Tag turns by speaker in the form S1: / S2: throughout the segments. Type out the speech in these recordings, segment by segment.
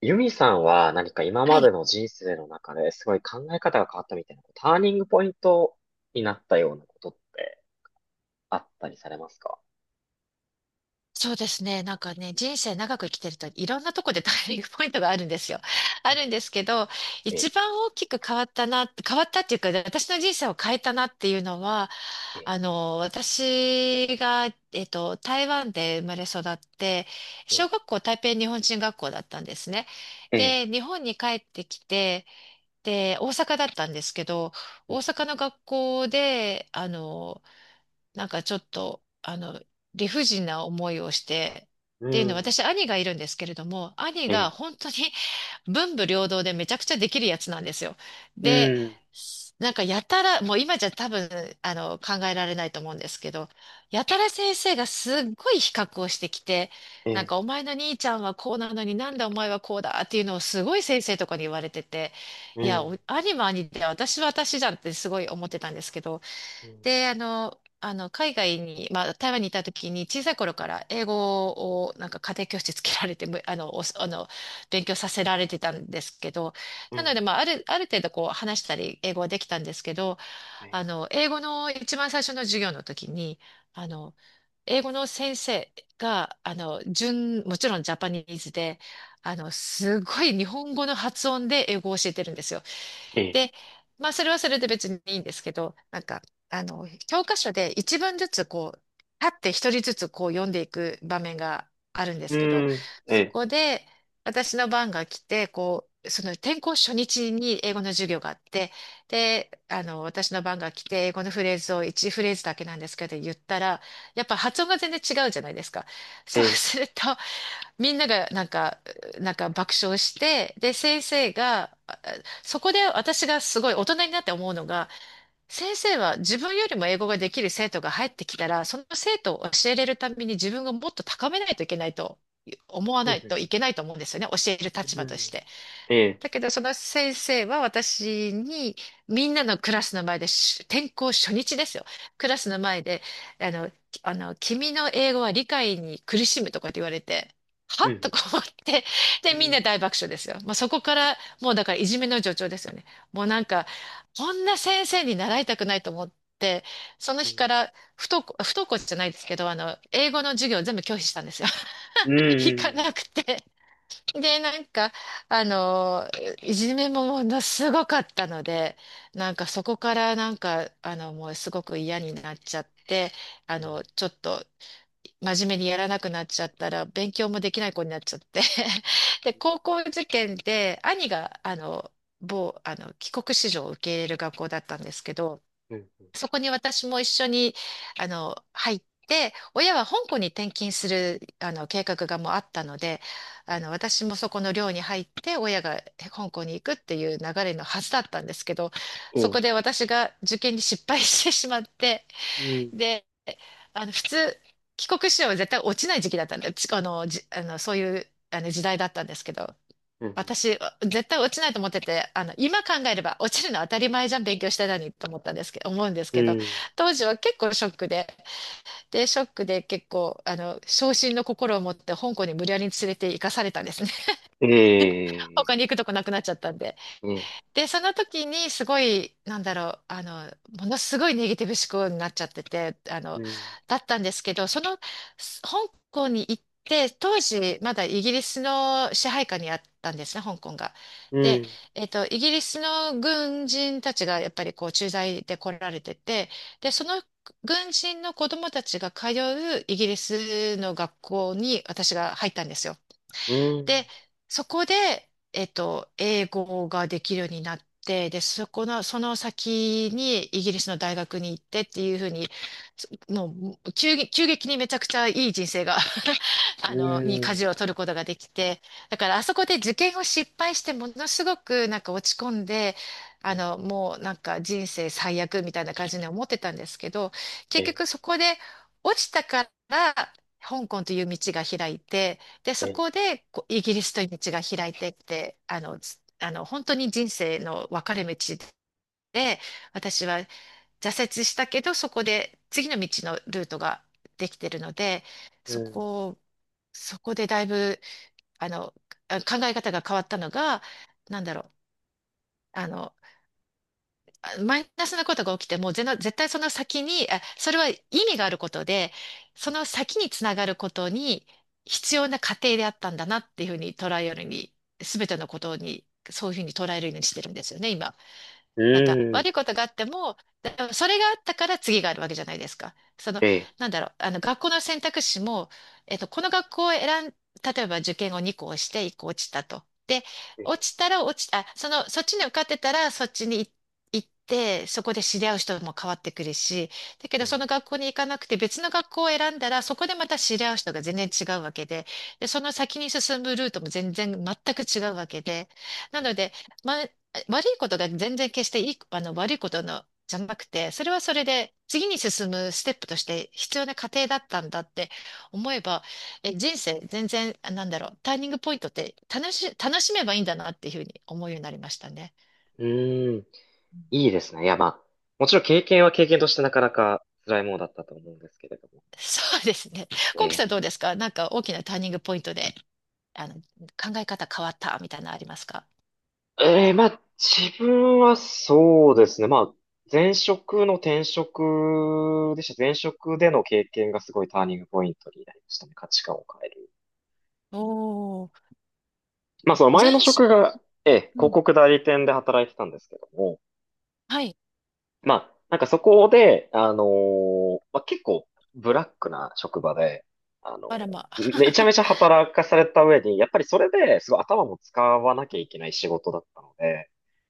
S1: ユミさんは何か今
S2: は
S1: まで
S2: い。
S1: の人生の中ですごい考え方が変わったみたいな、ターニングポイントになったようなことってあったりされますか？
S2: そうですね。なんかね、人生長く生きてるといろんなとこでターニングポイントがあるんですよ。
S1: え
S2: あ
S1: ん
S2: るんですけど、
S1: え、
S2: 一番大きく変わったな、変わったっていうか、私の人生を変えたなっていうのは、
S1: え、
S2: 私が、台湾で生まれ育って、
S1: え、
S2: 小学校台北日本人学校だったんですね。
S1: え、
S2: で、日本に帰ってきて、で、大阪だったんですけど、大阪の学校で、なんかちょっと、理不尽な思いをして、
S1: う
S2: っていうのは、
S1: ん、
S2: 私、兄がいるんですけれども、兄
S1: え
S2: が本当に 文武両道でめちゃくちゃできるやつなんですよ。
S1: う
S2: で、
S1: ん
S2: なんかやたら、もう今じゃ多分、考えられないと思うんですけど、やたら先生がすっごい比較をしてきて、
S1: え、うん、
S2: なん
S1: え、
S2: かお前の兄ちゃんはこうなのになんでお前はこうだっていうのをすごい先生とかに言われてて、
S1: うん、
S2: いや、
S1: え
S2: お兄も兄で私は私じゃんってすごい思ってたんですけど、
S1: うん、
S2: で、海外に、まあ、台湾にいた時に、小さい頃から英語を、なんか家庭教師つけられて、むあの、おあの、勉強させられてたんですけど、
S1: う
S2: な
S1: ん、
S2: ので、まあ、ある程度こう、話したり、英語はできたんですけど、
S1: え、
S2: 英語の一番最初の授業の時に、あの、英語の先生が、もちろんジャパニーズで、すごい日本語の発音で英語を教えてるんですよ。
S1: え、
S2: で、まあ、それはそれで別にいいんですけど、なんか、教科書で一文ずつこう、立って一人ずつこう読んでいく場面があるんで
S1: う
S2: すけど、
S1: ん、
S2: そ
S1: え、
S2: こで私の番が来て、こう、その転校初日に英語の授業があって、で、私の番が来て、英語のフレーズを一フレーズだけなんですけど言ったら、やっぱ発音が全然違うじゃないですか。そう
S1: え、
S2: すると、みんながなんか、爆笑して、で、先生が、そこで私がすごい大人になって思うのが、先生は自分よりも英語ができる生徒が入ってきたら、その生徒を教えれるために自分がもっと高めないといけないと思わ
S1: うん、
S2: ないとい
S1: う
S2: けないと思うんですよね。教える立場とし
S1: ん、
S2: て。
S1: え、
S2: だけど、その先生は私に、みんなのクラスの前で、転校初日ですよ。クラスの前で、あの、きあの、君の英語は理解に苦しむとかって言われて、は
S1: う
S2: と
S1: ん、
S2: か思って、
S1: う
S2: で、みん
S1: ん、
S2: な大爆笑ですよ。もうそこから、もうだからいじめの助長ですよね。もうなんか、こんな先生に習いたくないと思って、その
S1: う
S2: 日
S1: ん、
S2: から不登校、不登校じゃないですけど、英語の授業を全部拒否したんですよ。
S1: う
S2: 行か
S1: ん、
S2: なくて。で、なんか、あの、いじめもものすごかったので、なんかそこからなんか、もうすごく嫌になっちゃって、ちょっと真面目にやらなくなっちゃったら、勉強もできない子になっちゃって。で、高校受験で、兄が、某、帰国子女を受け入れる学校だったんですけど、
S1: うん、うん、うん、
S2: そこに私も一緒に、入って、親は香港に転勤する、計画がもうあったので、私もそこの寮に入って、親が香港に行くっていう流れのはずだったんですけど、
S1: う
S2: そ
S1: ん、
S2: こで私が受験に失敗してしまって、
S1: うん、
S2: で、普通、帰国子女は絶対落ちない時期だったんで、ちあの、じ、あの、そういう、あの時代だったんですけど、
S1: うん、
S2: 私、絶対落ちないと思ってて、今考えれば落ちるのは当たり前じゃん、勉強してたのにと思ったんですけど、思うんです
S1: う
S2: けど、
S1: ん、
S2: 当時は結構ショックで、で、ショックで結構、傷心の心を持って香港に無理やり連れて行かされたんですね。
S1: え
S2: 他に行くとこなくなっちゃったんで。
S1: え
S2: で、その時にすごい、なんだろう、ものすごいネガティブ思考になっちゃってて、
S1: うん。
S2: だったんですけど、その、香港に行って、当時、まだイギリスの支配下にあったんですね、香港が。
S1: う
S2: で、
S1: ん。
S2: イギリスの軍人たちがやっぱりこう駐在で来られてて、で、その軍人の子供たちが通うイギリスの学校に私が入ったんですよ。
S1: うん。
S2: で、そこで、英語ができるようになって、で、そこの、その先にイギリスの大学に行ってっていうふうに、もう急激にめちゃくちゃいい人生が
S1: う
S2: に
S1: ん。
S2: 舵を取ることができて、だからあそこで受験を失敗してものすごくなんか落ち込んで、
S1: うん
S2: もうなんか人生最悪みたいな感じに思ってたんですけど、結
S1: え、
S2: 局そこで落ちたから香港という道が開いて、で、そ
S1: え、
S2: こでこうイギリスという道が開いてって、あの、つあの、本当に人生の分かれ道で、私は挫折したけど、そこで次の道のルートができてるので、
S1: う
S2: そ
S1: ん。
S2: こをそこでだいぶ、あの、考え方が変わったのが、なんだろう、あの、マイナスなことが起きても、絶対その先に、それは意味があることで、その先につながることに必要な過程であったんだなっていうふうに捉えるように、すべてのことに、そういうふうに捉えるようにしてるんですよね、今。
S1: う
S2: なんか
S1: ん。
S2: 悪いことがあっても、それがあったから次があるわけじゃないですか。その、
S1: え、
S2: なんだろう、あの学校の選択肢も、えっと、この学校を選ん、例えば受験を2校して1校落ちたと。で、
S1: え
S2: 落ちたら落ち、あ、その、そっちに受かってたらそっちに行って、そこで知り合う人も変わってくるし、だけ
S1: う
S2: どそ
S1: ん。
S2: の学校に行かなくて別の学校を選んだらそこでまた知り合う人が全然違うわけで、で、その先に進むルートも全然全く違うわけで、なので、ま、悪いことが全然決していい、悪いことの、じゃなくて、それはそれで次に進むステップとして必要な過程だったんだって思えば、人生全然、なんだろう、ターニングポイントって楽しめばいいんだなっていうふうに思うようになりましたね。
S1: うん。いいですね。いや、まあ、もちろん経験は経験としてなかなか辛いものだったと思うんですけれども。
S2: そうですね。コウキ
S1: え
S2: さんどうですか、なんか大きなターニングポイントで、考え方変わったみたいなのありますか？
S1: まあ、自分はそうですね。まあ、前職の転職でした。前職での経験がすごいターニングポイントになりましたね。価値観を変える。
S2: おー、
S1: まあ、その前
S2: 全
S1: の
S2: 身、
S1: 職が、
S2: う
S1: 広
S2: ん、
S1: 告代理店で働いてたんですけども、
S2: はい、
S1: まあ、なんかそこで、まあ、結構ブラックな職場で、あのー
S2: あらま。
S1: めちゃ めちゃ働かされた上に、やっぱりそれですごい頭も使わなきゃいけない仕事だったので、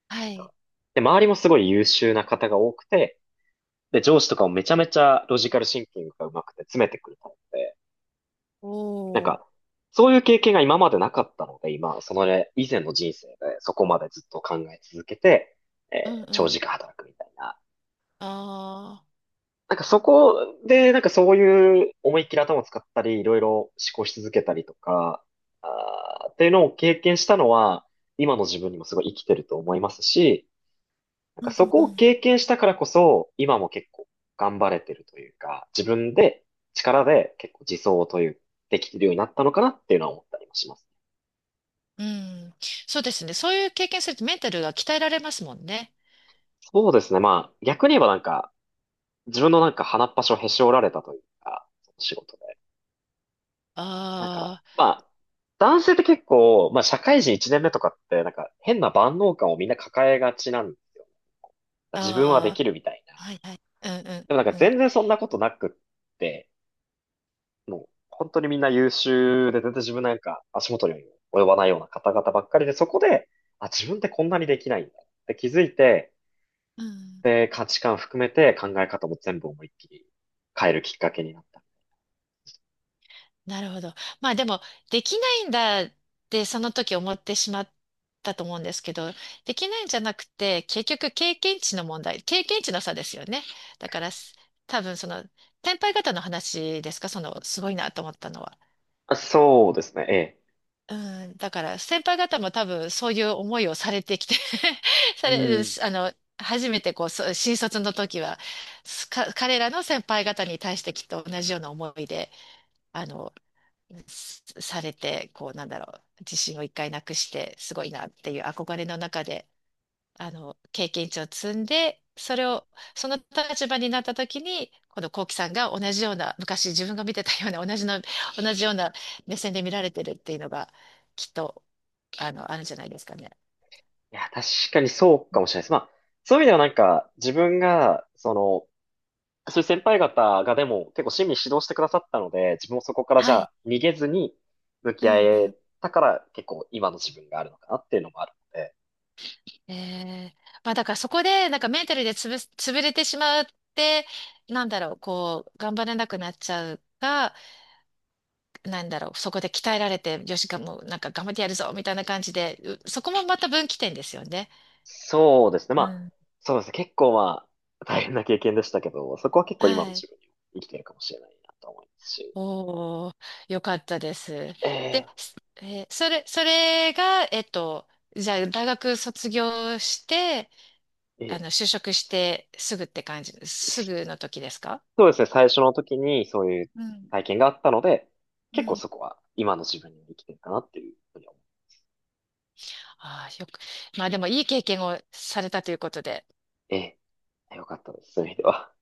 S2: は
S1: なん
S2: い。
S1: かで、周りもすごい優秀な方が多くて、で、上司とかもめちゃめちゃロジカルシンキングが上手くて詰めてくるタイプで、なん
S2: おー、
S1: か、そういう経験が今までなかったので、今、そのね、以前の人生でそこまでずっと考え続けて、え
S2: うん
S1: ー
S2: う
S1: 長
S2: ん。
S1: 時間働くみたいな、
S2: あー。
S1: なんかそこで、なんかそういう思いっきり頭を使ったり、いろいろ思考し続けたりとか、あーっていうのを経験したのは、今の自分にもすごい生きてると思いますし、なん
S2: う
S1: かそ
S2: んう
S1: こを
S2: ん。
S1: 経験したからこそ、今も結構頑張れてるというか、自分で力で結構自走という、できてるようになったのかなっていうのは思ったりもします。
S2: うん、そうですね。そういう経験するとメンタルが鍛えられますもんね。
S1: そうですね。まあ、逆に言えばなんか、自分のなんか鼻っ端をへし折られたというか、その仕事で。なんか、
S2: あ
S1: まあ、男性って結構、まあ、社会人1年目とかって、なんか、変な万能感をみんな抱えがちなんですよ。自分はで
S2: あ、あ
S1: きるみたい
S2: あ、
S1: な。
S2: はいはい。うんう
S1: でもなんか、
S2: んうん。
S1: 全然そんなことなくって、もう、本当にみんな優秀で、全然自分なんか、足元にも及ばないような方々ばっかりで、そこで、あ、自分ってこんなにできないんだって気づいて、
S2: うん、
S1: で、価値観含めて考え方も全部思いっきり変えるきっかけになった。
S2: なるほど。まあでも、できないんだってその時思ってしまったと思うんですけど、できないんじゃなくて、結局経験値の問題、経験値の差ですよね。だから、多分その、先輩方の話ですか、その、すごいなと思ったのは。
S1: あ、そうですね、ええ。
S2: うん、だから先輩方も多分そういう思いをされてきて さ
S1: う
S2: れ、
S1: ん。
S2: あの、初めてこう、そう新卒の時は、彼らの先輩方に対してきっと同じような思いで、あの、すされて、こう、なんだろう、自信を一回なくして、すごいなっていう憧れの中で経験値を積んで、それを、その立場になった時に、この幸輝さんが同じような、昔自分が見てたような、同じの、同じような目線で見られてるっていうのが、きっと、あるんじゃないですかね。
S1: いや、確かにそうかもしれないです。まあ、そういう意味ではなんか、自分が、その、そういう先輩方がでも結構親身に指導してくださったので、自分もそこからじ
S2: は
S1: ゃ
S2: い。
S1: あ逃げずに向
S2: う
S1: き合
S2: んう
S1: え
S2: ん。
S1: たから結構今の自分があるのかなっていうのもあるので、
S2: ええ、まあだからそこで、なんかメンタルで潰す、潰れてしまって、なんだろう、こう、頑張れなくなっちゃうか、なんだろう、そこで鍛えられて、よし、もう、なんか頑張ってやるぞ、みたいな感じで、そこもまた分岐点ですよね。
S1: そうですね。ま
S2: う
S1: あ、
S2: ん、
S1: そうですね。結構まあ、大変な経験でしたけど、そこは結構今の
S2: はい。
S1: 自分にも生きてるかもしれないなと思いますし。
S2: おー、よかったです。
S1: え
S2: で、
S1: え、
S2: すえーそれが、じゃあ、大学卒業して、
S1: え
S2: 就職してすぐって感じ、す
S1: え、
S2: ぐの時ですか？
S1: そうですね、最初の時にそういう
S2: うん。
S1: 体験があったので、
S2: う
S1: 結構
S2: ん。
S1: そこは今の自分に生きてるかなっていうふうに思う。
S2: ああ、まあでもいい経験をされたということで。
S1: ええ、よかったです、そういう意味では。